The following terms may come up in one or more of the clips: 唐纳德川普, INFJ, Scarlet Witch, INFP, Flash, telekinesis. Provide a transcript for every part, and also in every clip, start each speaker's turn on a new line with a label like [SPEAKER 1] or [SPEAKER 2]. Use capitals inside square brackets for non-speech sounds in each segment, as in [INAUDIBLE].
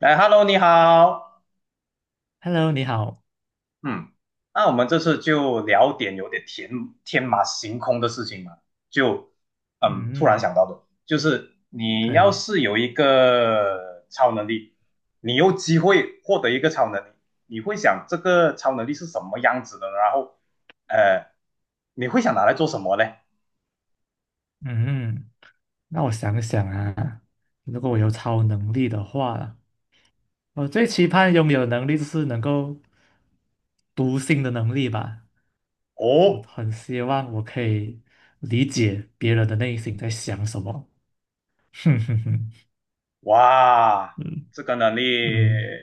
[SPEAKER 1] 来 h e l l o 你好。
[SPEAKER 2] Hello，你好。
[SPEAKER 1] 嗯，那我们这次就聊点有点天马行空的事情嘛，就突然
[SPEAKER 2] 嗯，
[SPEAKER 1] 想到的，就是你
[SPEAKER 2] 可
[SPEAKER 1] 要
[SPEAKER 2] 以。
[SPEAKER 1] 是有一个超能力，你有机会获得一个超能力，你会想这个超能力是什么样子的呢，然后呃，你会想拿来做什么呢？
[SPEAKER 2] 嗯，那我想想啊，如果我有超能力的话，我最期盼拥有的能力就是能够读心的能力吧。我
[SPEAKER 1] 哦，
[SPEAKER 2] 很希望我可以理解别人的内心在想什么。[LAUGHS] 哼哼哼，
[SPEAKER 1] 哇，
[SPEAKER 2] 嗯
[SPEAKER 1] 这个能力
[SPEAKER 2] 嗯。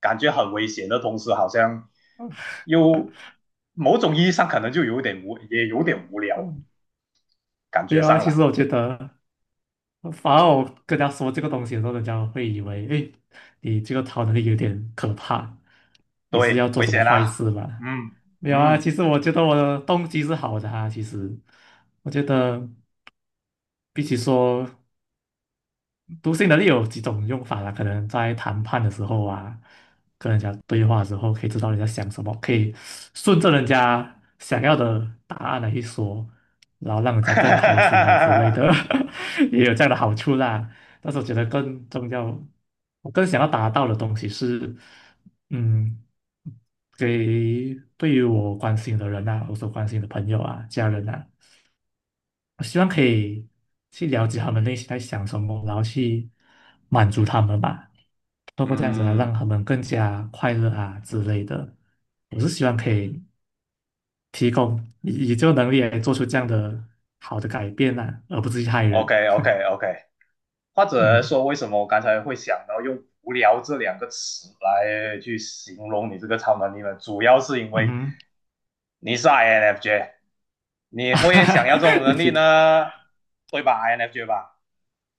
[SPEAKER 1] 感觉很危险的同时，好像又某种意义上可能就有点无，也有点
[SPEAKER 2] 嗯
[SPEAKER 1] 无聊，
[SPEAKER 2] 嗯，
[SPEAKER 1] 感
[SPEAKER 2] 没
[SPEAKER 1] 觉
[SPEAKER 2] 有
[SPEAKER 1] 上
[SPEAKER 2] 啊。其实我
[SPEAKER 1] 了。
[SPEAKER 2] 觉得，反而我跟他说这个东西的时候，人家会以为，哎，你这个超能力有点可怕，你是要
[SPEAKER 1] 对，
[SPEAKER 2] 做
[SPEAKER 1] 危
[SPEAKER 2] 什么
[SPEAKER 1] 险
[SPEAKER 2] 坏
[SPEAKER 1] 啦。
[SPEAKER 2] 事吧？
[SPEAKER 1] 嗯
[SPEAKER 2] 没有啊，
[SPEAKER 1] 嗯，
[SPEAKER 2] 其实我觉得我的动机是好的啊。其实，我觉得比起说读心能力有几种用法啦，可能在谈判的时候啊，跟人家对话的时候，可以知道人家想什么，可以顺着人家想要的答案来去说，然后让人家更开心啊之类
[SPEAKER 1] [LAUGHS]
[SPEAKER 2] 的，[LAUGHS] 也有这样的好处啦。但是我觉得更重要，我更想要达到的东西是，嗯，给对于我关心的人啊，我所关心的朋友啊、家人啊。我希望可以去了解他们内心在想什么，然后去满足他们吧，通过这样子来让
[SPEAKER 1] 嗯
[SPEAKER 2] 他们更加快乐啊之类的。我是希望可以提供以这个能力来做出这样的好的改变啊，而不是去害
[SPEAKER 1] ，OK
[SPEAKER 2] 人。
[SPEAKER 1] OK OK,或者
[SPEAKER 2] 嗯
[SPEAKER 1] 说为什么我刚才会想到用"无聊"这两个词来去形容你这个超能力呢？主要是因
[SPEAKER 2] 嗯
[SPEAKER 1] 为
[SPEAKER 2] 哼，
[SPEAKER 1] 你是 INFJ,你会想要这种
[SPEAKER 2] [LAUGHS] 你
[SPEAKER 1] 能力
[SPEAKER 2] 提的
[SPEAKER 1] 呢，对吧？INFJ 吧，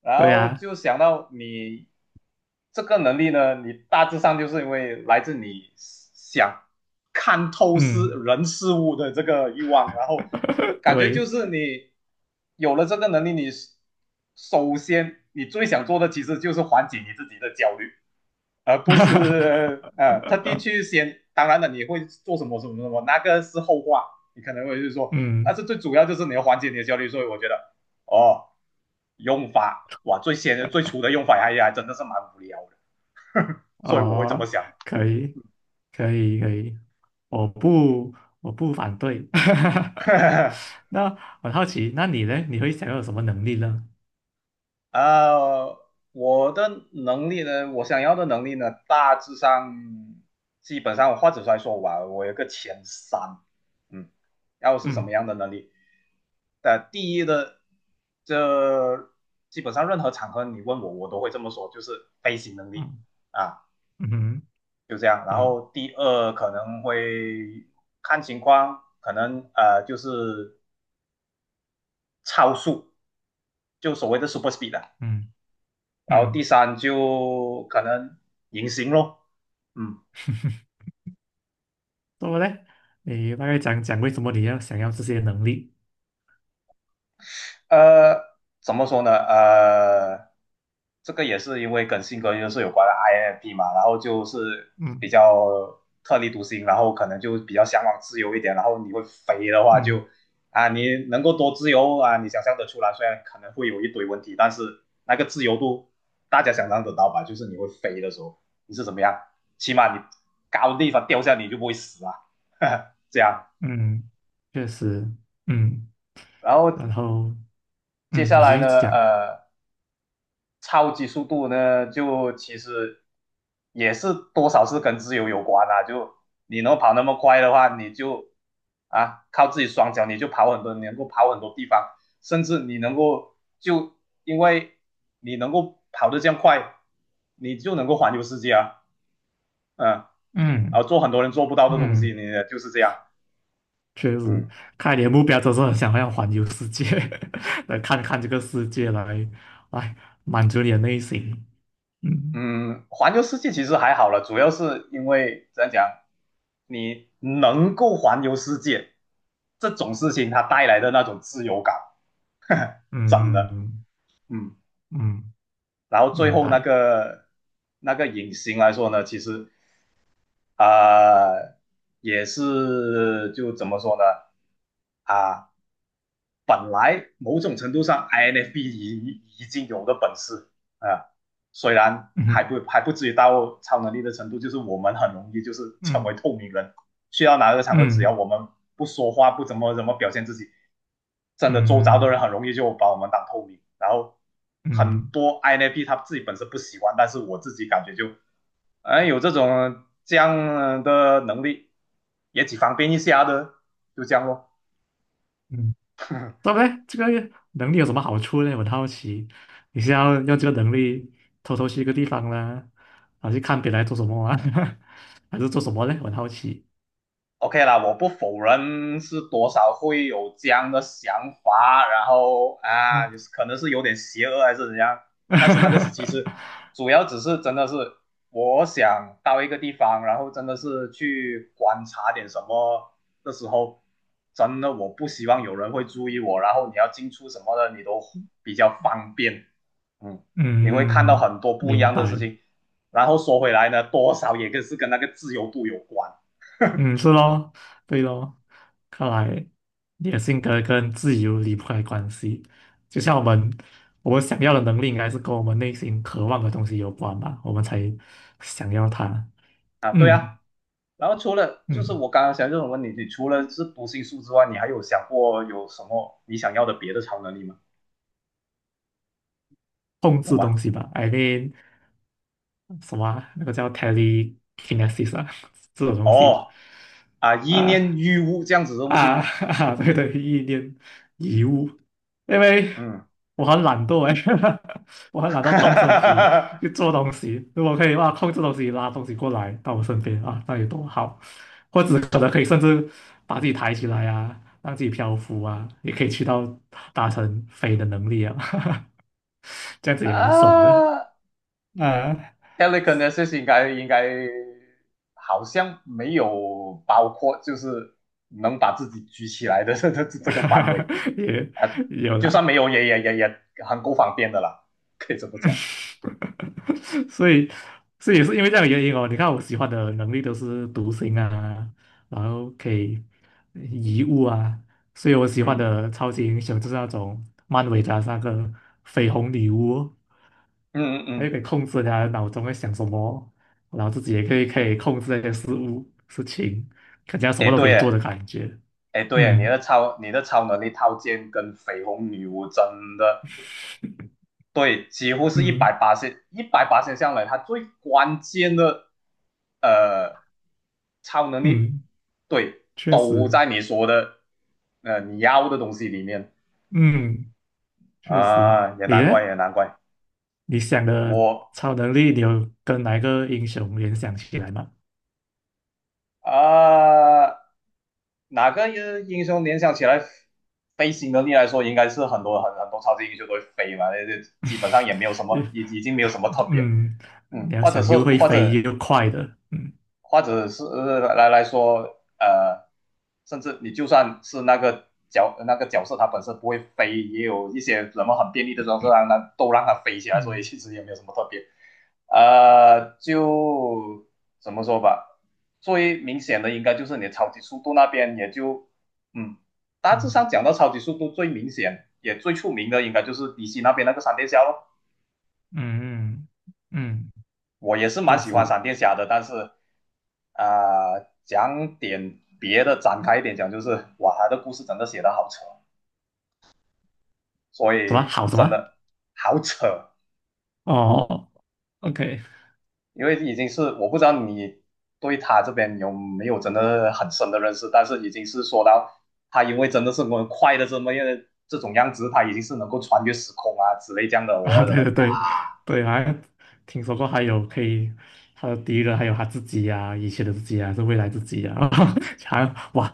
[SPEAKER 1] 然
[SPEAKER 2] 对
[SPEAKER 1] 后
[SPEAKER 2] 呀、
[SPEAKER 1] 就想到你这个能力呢，你大致上就是因为来自你想看透事
[SPEAKER 2] 嗯
[SPEAKER 1] 人事物的这个欲望，然后
[SPEAKER 2] [LAUGHS]
[SPEAKER 1] 感觉就
[SPEAKER 2] 对，
[SPEAKER 1] 是你有了这个能力，你首先最想做的其实就是缓解你自己的焦虑，而不是特地去
[SPEAKER 2] [LAUGHS]
[SPEAKER 1] 先。当然了，你会做什么什么什么，那个是后话，你可能会就是说，但
[SPEAKER 2] 嗯
[SPEAKER 1] 是最主要就是你要缓解你的焦虑。所以我觉得，哦，用法哇，最初的用法哎还真的是蛮无聊的，[LAUGHS] 呵呵，所以我会这么
[SPEAKER 2] 哦，
[SPEAKER 1] 想。[LAUGHS]
[SPEAKER 2] 可以可以可以。我不，我不反对。
[SPEAKER 1] 呵呵
[SPEAKER 2] [LAUGHS] 那很好奇，那你呢？你会想要有什么能力呢？
[SPEAKER 1] 呃，我想要的能力呢，大致上基本上我或者来说吧，我有个前三，嗯，然后是什么
[SPEAKER 2] 嗯
[SPEAKER 1] 样的能力？第一的，这基本上任何场合你问我，我都会这么说，就是飞行能力
[SPEAKER 2] 嗯
[SPEAKER 1] 啊，
[SPEAKER 2] 嗯哼，
[SPEAKER 1] 就这样。然
[SPEAKER 2] 对，
[SPEAKER 1] 后第二可能会看情况，可能就是超速，就所谓的 super speed 的。
[SPEAKER 2] 嗯
[SPEAKER 1] 然后第
[SPEAKER 2] 嗯，
[SPEAKER 1] 三就可能隐形咯，嗯。
[SPEAKER 2] [LAUGHS] 怎么呢？你大概讲讲为什么你要想要这些能力？
[SPEAKER 1] 呃，怎么说呢？这个也是因为跟性格就是有关的 INFP 嘛，然后就是比
[SPEAKER 2] 嗯
[SPEAKER 1] 较特立独行，然后可能就比较向往自由一点，然后你会肥的话
[SPEAKER 2] 嗯
[SPEAKER 1] 就啊，你能够多自由啊，你想象得出来，虽然可能会有一堆问题，但是那个自由度大家想象得到吧？就是你会飞的时候，你是怎么样？起码你高的地方掉下你就不会死啊，[LAUGHS] 这样。
[SPEAKER 2] 嗯，确实，嗯，
[SPEAKER 1] 然后
[SPEAKER 2] 然后
[SPEAKER 1] 接下
[SPEAKER 2] 你继
[SPEAKER 1] 来
[SPEAKER 2] 续
[SPEAKER 1] 呢，
[SPEAKER 2] 讲，
[SPEAKER 1] 呃。超级速度呢，就其实也是多少是跟自由有关啊。就你能跑那么快的话，你就啊靠自己双脚，你就跑很多，你能够跑很多地方，甚至你能够就因为你能够跑得这样快，你就能够环游世界啊，嗯，然后
[SPEAKER 2] 嗯
[SPEAKER 1] 做很多人做不到的东西，
[SPEAKER 2] 嗯，
[SPEAKER 1] 你就是这样，
[SPEAKER 2] 确实，
[SPEAKER 1] 嗯。
[SPEAKER 2] 看来你的目标都是很想要环游世界，[LAUGHS] 来看看这个世界来满足你的内心，嗯。
[SPEAKER 1] 嗯，环游世界其实还好了，主要是因为怎样讲，你能够环游世界这种事情，它带来的那种自由感，[LAUGHS] 呵呵真
[SPEAKER 2] 嗯
[SPEAKER 1] 的，
[SPEAKER 2] 嗯，
[SPEAKER 1] 嗯。
[SPEAKER 2] 嗯
[SPEAKER 1] 然后最
[SPEAKER 2] 明
[SPEAKER 1] 后那
[SPEAKER 2] 白。
[SPEAKER 1] 个那个隐形来说呢，其实啊、呃也是就怎么说呢啊、本来某种程度上 INFP 已经有的本事啊、呃虽然
[SPEAKER 2] 嗯
[SPEAKER 1] 还
[SPEAKER 2] 哼
[SPEAKER 1] 不还不至于到超能力的程度，就是我们很容易就是成为
[SPEAKER 2] 嗯
[SPEAKER 1] 透明人，去到哪个场合，只要
[SPEAKER 2] 嗯
[SPEAKER 1] 我们不说话，不怎么表现自己，真的周遭的人
[SPEAKER 2] 嗯
[SPEAKER 1] 很容易就把我们当透明。然后很
[SPEAKER 2] 嗯
[SPEAKER 1] 多 INFP 他自己本身不喜欢，但是我自己感觉就，有这样的能力也挺方便一下的，就这样咯。
[SPEAKER 2] 嗯，对不对？这个能力有什么好处呢？我很好奇，你是要用这个能力偷偷去一个地方呢，还是看别人在做什么啊，[LAUGHS] 还是做什么呢？我很好奇。
[SPEAKER 1] OK 啦，我不否认是多少会有这样的想法，然后啊，
[SPEAKER 2] 嗯
[SPEAKER 1] 就是可能是有点邪恶还是怎样，但是那个是其实
[SPEAKER 2] [LAUGHS]
[SPEAKER 1] 主要只是真的是我想到一个地方，然后真的是去观察点什么的时候，真的我不希望有人会注意我，然后你要进出什么的你都比较方便，嗯，你会看到
[SPEAKER 2] 嗯，
[SPEAKER 1] 很多不一
[SPEAKER 2] 明
[SPEAKER 1] 样的事
[SPEAKER 2] 白。
[SPEAKER 1] 情，然后说回来呢，多少也是跟那个自由度有关
[SPEAKER 2] 嗯，是咯，对咯，看来你的性格跟自由离不开关系。就像我们，我们想要的能力应该是跟我们内心渴望的东西有关吧，我们才想要它。
[SPEAKER 1] 啊，对啊。
[SPEAKER 2] 嗯
[SPEAKER 1] 然后除了就是
[SPEAKER 2] 嗯，
[SPEAKER 1] 我刚刚想这种问题，你除了是读心术之外，你还有想过有什么你想要的别的超能力吗？
[SPEAKER 2] 控
[SPEAKER 1] 有
[SPEAKER 2] 制
[SPEAKER 1] 吗？
[SPEAKER 2] 东西吧，I mean 什么啊那个叫 telekinesis 啊，[LAUGHS] 这种东
[SPEAKER 1] 哦
[SPEAKER 2] 西
[SPEAKER 1] 啊，意
[SPEAKER 2] 啊。
[SPEAKER 1] 念欲物这样子的东西，
[SPEAKER 2] 啊 [LAUGHS] 啊，对对，意念遗物，因为
[SPEAKER 1] 嗯，
[SPEAKER 2] 我很懒惰哎，[LAUGHS] 我很懒惰动身体去
[SPEAKER 1] [LAUGHS]
[SPEAKER 2] 做东西。如果可以的话，控制东西拉东西过来到我身边啊，那有多好！或者可能可以甚至把自己抬起来啊，让自己漂浮啊，也可以去到达成飞的能力啊，[LAUGHS] 这样子也蛮爽的
[SPEAKER 1] 啊
[SPEAKER 2] 啊，
[SPEAKER 1] ，telekinesis 应该好像没有包括，就是能把自己举起来的 [LAUGHS] 这个范围
[SPEAKER 2] [LAUGHS] 也
[SPEAKER 1] 啊，
[SPEAKER 2] 也有
[SPEAKER 1] 就
[SPEAKER 2] 啦。
[SPEAKER 1] 算没有也很够方便的啦，可以这么讲，
[SPEAKER 2] [LAUGHS] 所以，所以，也是因为这样的原因哦。你看，我喜欢的能力都是独行啊，然后可以移物啊，所以我喜欢
[SPEAKER 1] 嗯
[SPEAKER 2] 的超级英雄就是那种漫威的那个绯红女巫，
[SPEAKER 1] 嗯嗯
[SPEAKER 2] 还
[SPEAKER 1] 嗯，
[SPEAKER 2] 可以控制人家脑中在想什么，然后自己也可以控制那些事物事情，感觉她什
[SPEAKER 1] 哎、
[SPEAKER 2] 么
[SPEAKER 1] 嗯
[SPEAKER 2] 都可
[SPEAKER 1] 对
[SPEAKER 2] 以做
[SPEAKER 1] 耶。
[SPEAKER 2] 的感觉。
[SPEAKER 1] 哎，对啊，你的
[SPEAKER 2] 嗯
[SPEAKER 1] 超你的超能力套件跟绯红女巫真的对，几乎是一
[SPEAKER 2] 嗯
[SPEAKER 1] 百八十一百八十上来，它最关键的呃超能力，
[SPEAKER 2] 嗯，
[SPEAKER 1] 对，
[SPEAKER 2] 确
[SPEAKER 1] 都
[SPEAKER 2] 实，
[SPEAKER 1] 在你说的你要的东西里面
[SPEAKER 2] 嗯确实，
[SPEAKER 1] 啊，也
[SPEAKER 2] 你
[SPEAKER 1] 难
[SPEAKER 2] 呢？
[SPEAKER 1] 怪也难怪
[SPEAKER 2] 你想的
[SPEAKER 1] 我
[SPEAKER 2] 超能力，你有跟哪一个英雄联想起来吗？
[SPEAKER 1] 啊、哪个英雄联想起来飞行能力来说，应该是很多超级英雄都会飞嘛，那就基本上也没有什么，已经没有什么特别。
[SPEAKER 2] 嗯，
[SPEAKER 1] 嗯，
[SPEAKER 2] 你要
[SPEAKER 1] 或者
[SPEAKER 2] 想
[SPEAKER 1] 是
[SPEAKER 2] 又会
[SPEAKER 1] 或
[SPEAKER 2] 飞
[SPEAKER 1] 者
[SPEAKER 2] 又快的，嗯
[SPEAKER 1] 或者是来说，甚至你就算是那个角色，他本身不会飞，也有一些什么很便利的装置让它都让他飞起来，所以
[SPEAKER 2] 嗯
[SPEAKER 1] 其实也没有什么特别。就怎么说吧，最明显的应该就是你的超级速度那边，也就嗯，大致
[SPEAKER 2] 嗯
[SPEAKER 1] 上讲到超级速度最明显也最出名的，应该就是迪西那边那个闪电侠咯。
[SPEAKER 2] 嗯嗯，嗯，
[SPEAKER 1] 我也是蛮
[SPEAKER 2] 确
[SPEAKER 1] 喜欢
[SPEAKER 2] 实，
[SPEAKER 1] 闪电侠的，但是讲点别的，展开一点讲，就是哇，他的故事真的写的好扯，所
[SPEAKER 2] 什么
[SPEAKER 1] 以
[SPEAKER 2] 好什
[SPEAKER 1] 真
[SPEAKER 2] 么？
[SPEAKER 1] 的好扯，
[SPEAKER 2] 哦，OK。
[SPEAKER 1] 因为已经是我不知道你对他这边有没有真的很深的认识，但是已经是说到他因为真的是我快的这么样这种样子，他已经是能够穿越时空啊之类这样的，
[SPEAKER 2] [LAUGHS] 啊，
[SPEAKER 1] 我觉得
[SPEAKER 2] 对对
[SPEAKER 1] 哇，
[SPEAKER 2] 对对，好像听说过还有可以他的敌人，还有他自己呀、以前的自己呀、还是未来自己呀、[LAUGHS] 好像哇，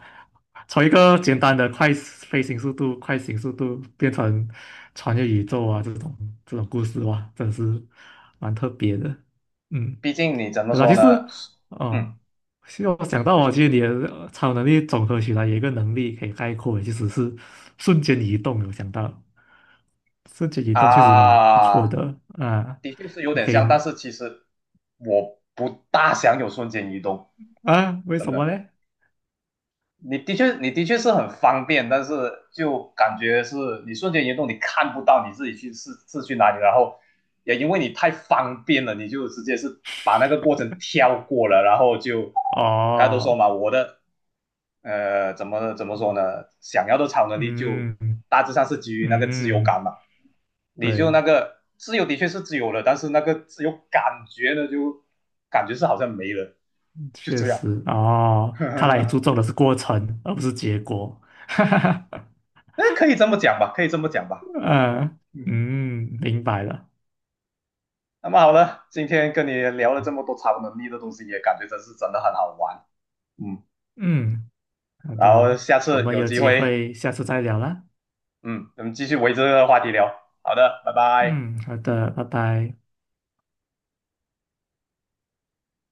[SPEAKER 2] 从一个简单的快飞行速度、快行速度变成穿越宇宙啊这种故事哇，真是蛮特别的，嗯。
[SPEAKER 1] 毕竟你怎么
[SPEAKER 2] 对啦，其
[SPEAKER 1] 说呢？
[SPEAKER 2] 实
[SPEAKER 1] 嗯
[SPEAKER 2] 哦，其实我想到哦，其实你的超能力总合起来有一个能力可以概括，其实是瞬间移动。有想到瞬间移动确实蛮不错
[SPEAKER 1] 啊，
[SPEAKER 2] 的啊，
[SPEAKER 1] 的确是有
[SPEAKER 2] 你
[SPEAKER 1] 点
[SPEAKER 2] 可以
[SPEAKER 1] 像，但是其实我不大想有瞬间移动，
[SPEAKER 2] 啊？为
[SPEAKER 1] 真
[SPEAKER 2] 什么
[SPEAKER 1] 的。
[SPEAKER 2] 呢？
[SPEAKER 1] 你的确是很方便，但是就感觉是你瞬间移动，你看不到你自己去是去哪里，然后也因为你太方便了，你就直接是把那个过程跳过了，然后就刚才都说
[SPEAKER 2] 哦，
[SPEAKER 1] 嘛，我的怎么说呢，想要的超能力就
[SPEAKER 2] 嗯
[SPEAKER 1] 大致上是基于那个自由
[SPEAKER 2] 嗯，
[SPEAKER 1] 感嘛，你就
[SPEAKER 2] 对，
[SPEAKER 1] 那个自由的确是自由了，但是那个自由感觉呢，就感觉是好像没了，就
[SPEAKER 2] 确
[SPEAKER 1] 这样。
[SPEAKER 2] 实哦，看来你注
[SPEAKER 1] [LAUGHS]
[SPEAKER 2] 重的是过程而不是结果，[LAUGHS] 哈哈哈，
[SPEAKER 1] 哎，可以这么讲吧，可以这么讲吧。
[SPEAKER 2] 嗯
[SPEAKER 1] 嗯，
[SPEAKER 2] 嗯，明白了，
[SPEAKER 1] 那么好了，今天跟你聊了这么多超能力的东西，也感觉真的很好玩。嗯，
[SPEAKER 2] 嗯。好
[SPEAKER 1] 然后
[SPEAKER 2] 的，
[SPEAKER 1] 下
[SPEAKER 2] 我
[SPEAKER 1] 次
[SPEAKER 2] 们
[SPEAKER 1] 有
[SPEAKER 2] 有
[SPEAKER 1] 机
[SPEAKER 2] 机
[SPEAKER 1] 会，
[SPEAKER 2] 会下次再聊啦。
[SPEAKER 1] 嗯，我们继续围着这个话题聊。好的，拜拜。
[SPEAKER 2] 嗯，好的，拜拜。